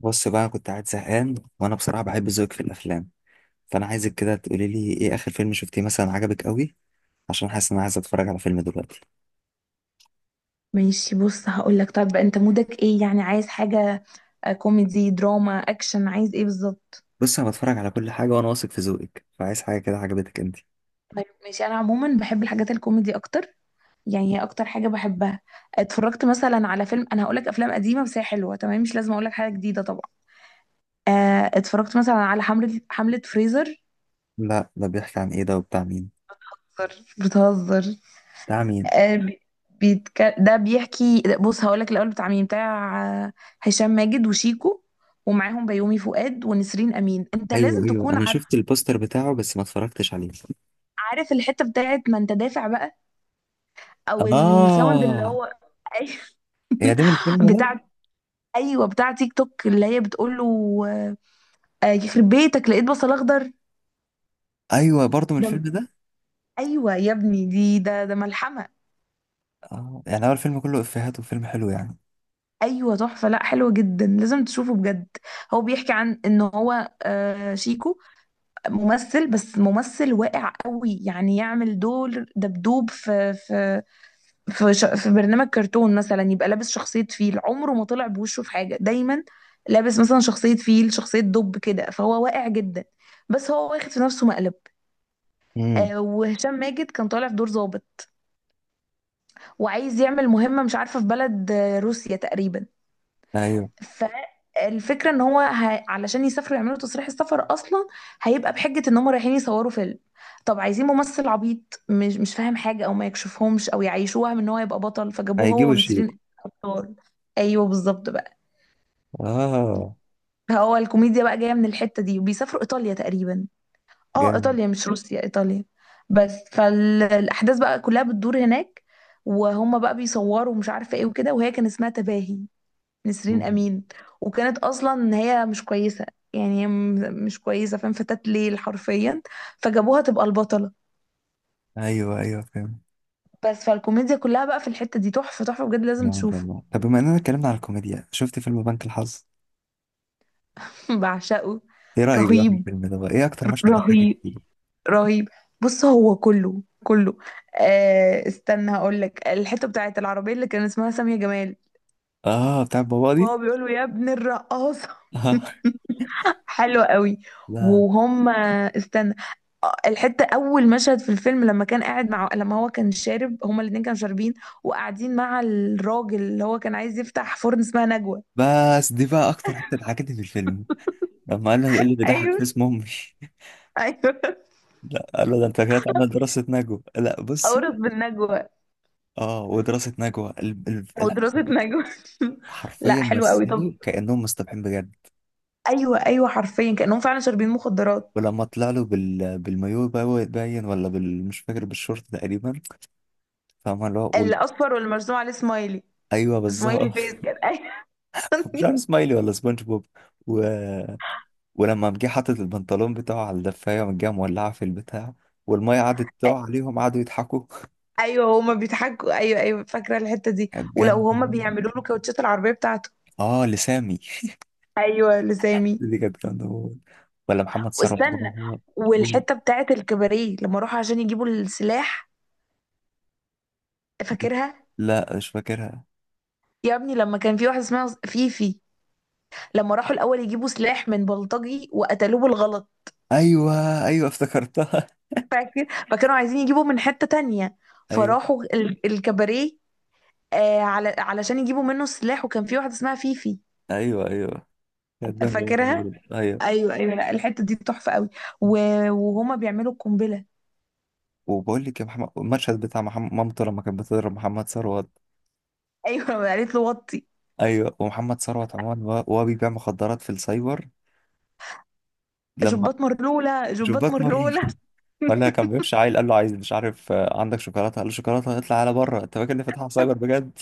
بص بقى، كنت قاعد زهقان. وانا بصراحه بحب ذوقك في الافلام، فانا عايزك كده تقولي لي ايه اخر فيلم شفتيه مثلا عجبك قوي؟ عشان حاسس ان انا عايز اتفرج على فيلم دلوقتي. ماشي، بص هقولك. طب انت مودك ايه يعني؟ عايز حاجة؟ كوميدي دراما اكشن، عايز ايه بالظبط؟ بص، انا بتفرج على كل حاجه وانا واثق في ذوقك، فعايز حاجه كده عجبتك انت. طيب ماشي، انا عموما بحب الحاجات الكوميدي اكتر. يعني هي اكتر حاجة بحبها. اتفرجت مثلا على فيلم، انا هقولك افلام قديمة بس هي حلوة تمام، مش لازم اقولك حاجة جديدة طبعا. اتفرجت مثلا على حملة فريزر. لا، ده بيحكي عن ايه؟ ده وبتاع مين؟ بتهزر؟ بتاع مين؟ آه، بي- ده بيحكي. بص هقولك الاول، بتاع مين؟ بتاع هشام ماجد وشيكو، ومعاهم بيومي فؤاد ونسرين امين، انت ايوه لازم ايوه، تكون انا عارف. شفت البوستر بتاعه بس ما اتفرجتش عليه. عارف الحتة بتاعت ما انت دافع بقى؟ او الساوند اللي اه، هو... يا ده من الفيلم ده؟ بتاعت. ايوه، بتاع تيك توك اللي هي بتقول له يخرب بيتك لقيت بصل اخضر. ايوه، برضه من الفيلم ده. ده؟ ايوه يا ابني، دي ده ملحمه. اه، يعني هو الفيلم كله افيهات وفيلم حلو يعني؟ ايوه تحفه، لا حلوه جدا، لازم تشوفه بجد. هو بيحكي عن ان هو شيكو ممثل، بس ممثل واقع قوي، يعني يعمل دور دبدوب في في في برنامج كرتون مثلا. يبقى لابس شخصية فيل، عمره ما طلع بوشه في حاجة دايما. لابس مثلا شخصية فيل، شخصية دب كده، فهو واقع جدا. بس هو واخد في نفسه مقلب. امم. وهشام ماجد كان طالع في دور ضابط، وعايز يعمل مهمة مش عارفة في بلد روسيا تقريبا. ايوه، فالفكرة ان هو علشان يسافروا يعملوا تصريح السفر اصلا، هيبقى بحجة ان هم رايحين يصوروا فيلم. طب عايزين ممثل عبيط مش فاهم حاجة، او ما يكشفهمش او يعيشوه وهم ان هو يبقى بطل، فجابوه هو هيجيبوا شيكو. ونسرين ابطال. ايوه بالظبط بقى. اه، هو الكوميديا بقى جاية من الحتة دي، وبيسافروا ايطاليا تقريبا. اه جامد. ايطاليا مش روسيا، ايطاليا. بس فالاحداث بقى كلها بتدور هناك، وهم بقى بيصوروا مش عارفة ايه وكده. وهي كان اسمها تباهي، نسرين امين، وكانت اصلا نهايه مش كويسه. يعني هي مش كويسه فاهم، فتاة ليل حرفيا، فجابوها تبقى البطله. ايوه ايوه، فاهم. بس فالكوميديا كلها بقى في الحته دي، تحفه تحفه بجد لا لازم ما شاء تشوفه. الله، طب بما اننا اتكلمنا على الكوميديا، شفت فيلم بنك الحظ؟ بعشقه. ايه رايك بقى في رهيب الفيلم ده؟ بقى ايه اكتر مشهد ضحكك رهيب فيه؟ رهيب. بص هو كله كله. آه استنى هقول لك، الحته بتاعت العربيه اللي كان اسمها سامية جمال، اه، بتاع بابا وهو دي. بيقول له يا ابن الرقاصه. آه. حلو قوي. لا، وهم استنى. الحتة، أول مشهد في الفيلم لما كان قاعد لما هو كان شارب، هما الاتنين كانوا شاربين، وقاعدين مع الراجل اللي هو كان عايز يفتح فرن اسمها نجوى. بس دي بقى اكتر حته ضحكتني في الفيلم، لما قال له ايه اللي بيضحك في ايوه اسم امي. ايوه. لا، قال له ده انت كده تعمل دراسه نجوى. لا بصي، أورث بالنجوى. اه ودراسه نجوى أو ال... دراسة نجوى. حرفيا لا حلو قوي طب. مثلوا كانهم مصطبحين بجد. أيوه أيوه، حرفيا كأنهم فعلا شاربين مخدرات. ولما طلع له بالمايو باين، ولا مش فاكر، بالشورت تقريبا. فاهمه اللي هو الأصفر واللي مرسوم عليه سمايلي. ايوه سمايلي بالظبط. فيس كده. أيوه. مش عارف سمايلي ولا سبونج بوب، و... ولما قام جه حاطط البنطلون بتاعه على الدفايه، وقام جه مولعه في البتاع، والميه قعدت تقع عليهم قعدوا يضحكوا. أيوه هما بيضحكوا. أيوه أيوه، فاكرة الحتة دي كانت ولو جامده هما موت. بيعملوا له كاوتشات العربية بتاعته. اه، لسامي. ايوه لسامي. دي كانت جامده موت. ولا محمد ثروت؟ واستنى، بابا. والحته بتاعت الكباريه لما راحوا عشان يجيبوا السلاح، فاكرها؟ لا مش فاكرها. يا ابني لما كان في واحده اسمها فيفي، لما راحوا الاول يجيبوا سلاح من بلطجي وقتلوه بالغلط، ايوه ايوه، افتكرتها. فاكر؟ فكانوا عايزين يجيبوا من حته تانية، ايوه فراحوا الكباريه آه على علشان يجيبوا منه السلاح، وكان في واحده اسمها فيفي، ايوه ايوه، كانت جامده موت فاكرها؟ برضه. ايوه. ايوه ايوه، لا الحته دي تحفه قوي. و- وهما بيعملوا القنبله. وبقول لك يا محمد، المشهد بتاع محمد، مامته لما كانت بتضرب محمد ثروت. ايوه قالت له وطي، ايوه، ومحمد ثروت عموما، وهو بيبيع مخدرات في السايبر. لما جبات مرلوله شوف جبات باتمان. مرلوله. ولا كان بيمشي عيل قال له عايز، مش عارف، عندك شوكولاته؟ قال له شوكولاته اطلع على بره، انت فاكر ان فتحها سايبر بجد؟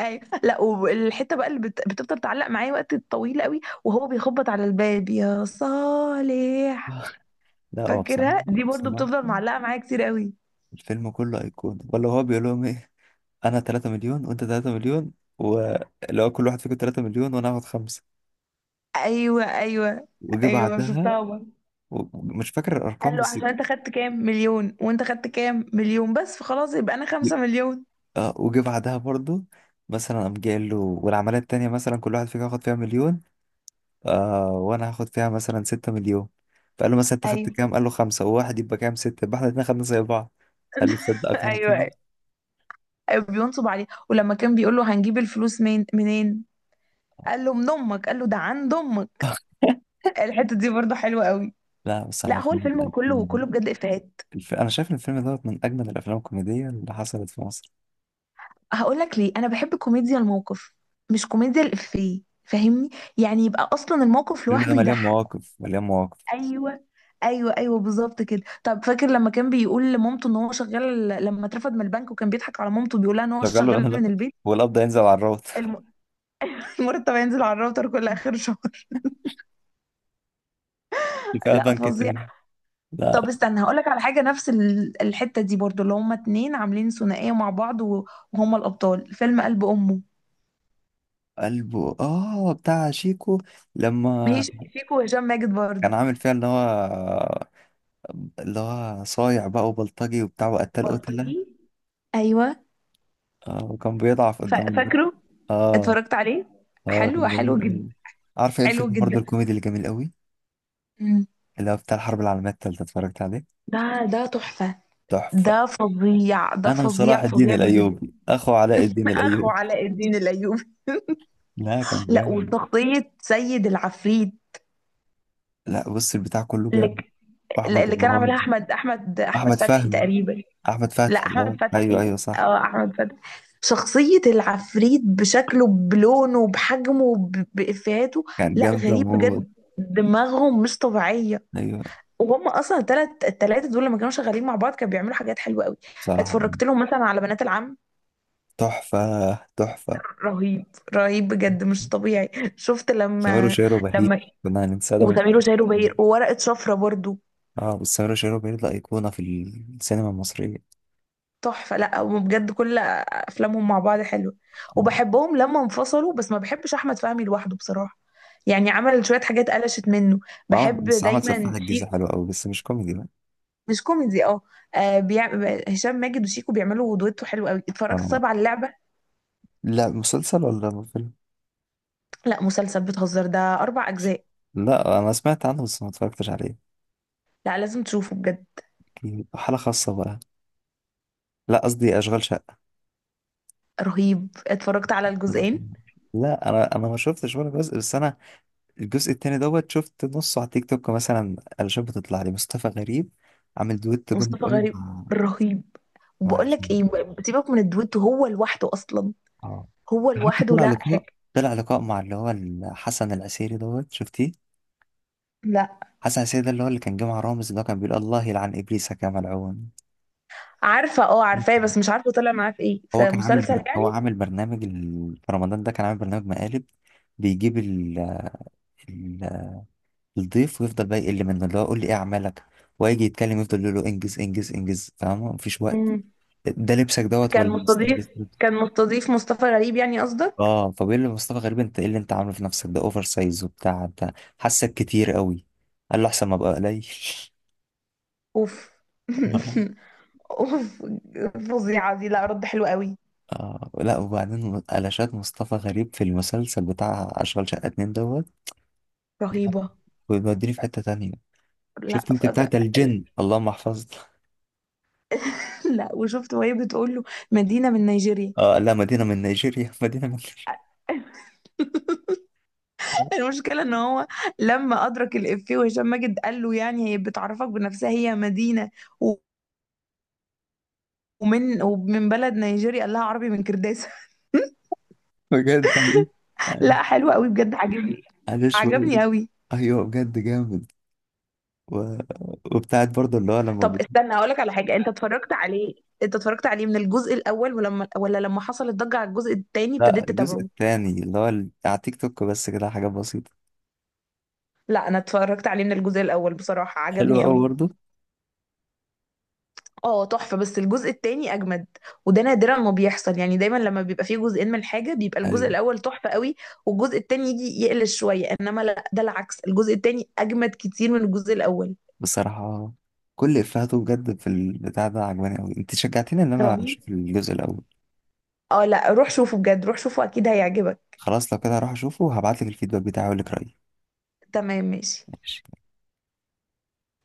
ايوه، لا والحته بقى اللي بتفضل تعلق معايا وقت طويل قوي، وهو بيخبط على الباب يا صالح، لا هو بصراحه، فاكرها؟ دي برضو بصراحه بتفضل معلقه معايا كتير قوي. الفيلم كله ايقونه. ولا هو بيقول لهم ايه؟ انا 3 مليون وانت 3 مليون، واللي هو كل واحد فيكم 3 مليون وانا هاخد خمسه. ايوه ايوه. وجي ايوه بعدها، شفتها برضه. مش فاكر قال الارقام له بس. عشان انت خدت كام مليون وانت خدت كام مليون، بس فخلاص يبقى انا ي- 5 مليون. اه، وجي بعدها برضو، مثلا قام جاي له والعمليه التانيه، مثلا كل واحد فيكم هاخد فيها مليون، آه وانا هاخد فيها مثلا ستة مليون. فقال له مثلا انت خدت ايوه كام؟ قال له خمسة وواحد يبقى كام؟ ستة، يبقى احنا الاتنين خدنا زي بعض. قال له تصدق ايوه اقنعتني. ايوه. أيوة، بينصب عليه. ولما كان بيقول له هنجيب الفلوس من منين، قال له من امك، قال له ده عند امك. الحته دي برضو حلوه قوي. لا بس انا لا عارف هو إن الفيلم كله كله بجد افيهات. انا شايف ان الفيلم دوت من اجمل الافلام الكوميدية اللي حصلت في مصر. هقول لك ليه، انا بحب كوميديا الموقف مش كوميديا الافيه فاهمني؟ يعني يبقى اصلا الموقف الفيلم ده لوحده مليان يضحك. مواقف مليان مواقف. ايوه ايوه ايوه بالظبط كده. طب فاكر لما كان بيقول لمامته ان هو شغال لما اترفد من البنك، وكان بيضحك على مامته بيقول لها ان هو شغله. شغال لا، من البيت؟ هو القبض ينزل على الروت. الم- المرتب هينزل على الراوتر كل اخر شهر. كفاية لا بنك فظيع. تاني. طب لا استنى هقول لك على حاجه نفس الحته دي برضو، اللي هما اتنين عاملين ثنائيه مع بعض. وهما الابطال فيلم قلب امه. قلبه، اه بتاع شيكو. هي لما شيكو وهشام ماجد برضو. كان عامل فيها اللي هو، اللي هو صايع بقى وبلطجي وبتاع وقتل قتلة، بلطجي. ايوه وكان بيضعف قدام. فاكره. اه. اتفرجت عليه. اه حلو كان حلو جميل جدا. قوي. عارف ايه حلو الفيلم برضه جدا. الكوميدي اللي جميل قوي؟ مم. اللي هو بتاع الحرب العالمية التالتة، اتفرجت عليه؟ ده ده تحفة. تحفة. ده فظيع، ده انا صلاح فظيع الدين فظيع بجد. الايوبي اخو علاء الدين اخو الايوبي. علاء الدين الايوبي. لا كان لا جامد. وشخصيه سيد العفريت. لا بص، البتاع كله اللي... جامد. واحمد اللي كان مراد، عاملها احمد احمد فتحي فهمي، تقريبا. احمد لا فتحي. احمد آه. ايوه فتحي. ايوه صح. اه احمد فتحي. شخصيه العفريت بشكله، بلونه، بحجمه، بافيهاته. كان لا جامد غريب موت. بجد، دماغهم مش طبيعيه. ايوه. وهم اصلا التلاته دول لما كانوا شغالين مع بعض كانوا بيعملوا حاجات حلوه قوي. صراحة اتفرجت لهم مثلا على بنات العم. تحفة. تحفة. رهيب رهيب بجد مش طبيعي. شفت؟ سمير لما وشهير وبهير، لما كنا هننساه ده، ما وسمير ينفعش. وشهير وبهير وورقه شفره برضو. اه، بس سمير وشهير وبهير ده ايقونة في السينما المصرية. تحفه، لا هم بجد كل افلامهم مع بعض حلوه، آه. وبحبهم. لما انفصلوا بس ما بحبش احمد فهمي لوحده بصراحه، يعني عمل شويه حاجات قلشت منه. وعمل، بحب بس عمل سفاح دايما الجيزة شيكو. حلو أوي بس مش كوميدي بقى. مش كوميدي اه. آه، بيع... هشام ماجد وشيكو بيعملوا دويتو حلو قوي. اتفرجت آه. طبعا على اللعبه. لا، مسلسل ولا فيلم؟ لا مسلسل بتهزر، ده أربع أجزاء. لا أنا سمعت عنه بس ما اتفرجتش عليه. لا لازم تشوفه بجد. أكيد. حالة خاصة بقى. لا، قصدي أشغال شقة. رهيب اتفرجت على الله الجزئين. يرحمه. لا أنا، ما شفتش ولا جزء، بس أنا الجزء التاني دوت، شفت نصه على تيك توك مثلا، علشان بتطلع لي مصطفى غريب عامل دويت جامد مصطفى أوي غريب مع، رهيب. مع وبقول لك جميل. ايه، سيبك من الدويتو، هو لوحده اصلا. اه. هو حتى لوحده طلع لا لقاء. حاجه. طلع لقاء مع اللي هو حسن العسيري دوت، شفتيه؟ لا حسن العسيري، ده اللي هو اللي كان جه مع رامز، اللي هو كان بيقول الله يلعن إبليس كما لعون. عارفه اه مم. عارفاه، بس مش عارفه طلع معاه في ايه، هو في كان عامل مسلسل هو يعني؟ عامل برنامج في رمضان ده كان عامل برنامج مقالب، بيجيب ال... الضيف، ويفضل بقى يقل منه، اللي هو قول لي ايه اعمالك، ويجي يتكلم يفضل يقول له انجز انجز انجز، فاهمه؟ مفيش وقت. مم. ده لبسك دوت كان ولا مستضيف ستايل؟ كان مستضيف مصطفى غريب يعني قصدك. اه، فبيقول له مصطفى غريب انت ايه اللي انت عامله في نفسك ده؟ اوفر سايز وبتاع. انت حاسك كتير قوي. قال له احسن ما ابقى قليل. اوف. اوف. فظيعه دي، لا رد حلو قوي. آه. لا وبعدين قلشات مصطفى غريب في المسلسل بتاع أشغال شقة اتنين دوت، رهيبه. بيوديني في حتة تانية. لا شفت انت بتاعت الجن اللهم احفظنا؟ لا وشفت وهي بتقول له مدينه من نيجيريا. اه. لا مدينة من نيجيريا. مدينة من نيجيريا. المشكلة ان هو لما ادرك الافيه، وهشام ماجد قال له يعني هي بتعرفك بنفسها هي مدينة و- ومن بلد نيجيريا، قال لها عربي من كرداسة. بجد عليه. لا عليه. حلو قوي بجد عجبني. عليه شوية. عجبني قوي. ايوه بجد جامد. و... وبتاعت برضه اللي هو لما طب بت... استنى هقولك على حاجة، انت اتفرجت عليه؟ انت اتفرجت عليه من الجزء الاول ولا لما حصل الضجة على الجزء التاني لا، ابتديت الجزء تتابعه؟ التاني اللي هو على تيك توك بس، كده حاجات بسيطة. لا انا اتفرجت عليه من الجزء الاول بصراحة حلوة عجبني قوي قوي. برضه. اه تحفة، بس الجزء التاني أجمد. وده نادرا ما بيحصل، يعني دايما لما بيبقى فيه جزئين من الحاجة بيبقى الجزء ايوه. الأول تحفة قوي، والجزء التاني يجي يقلش شوية، إنما لا ده العكس، الجزء التاني أجمد كتير من الجزء الأول. بصراحة كل افهاته بجد في البتاع ده عجباني قوي. انت شجعتني ان انا رهيب. اشوف الجزء الاول. اه لا روح شوفه بجد، روح شوفه أكيد هيعجبك. خلاص لو كده هروح اشوفه، وهبعتلك الفيدباك بتاعي واقول لك رأيي. تمام ماشي. ماشي.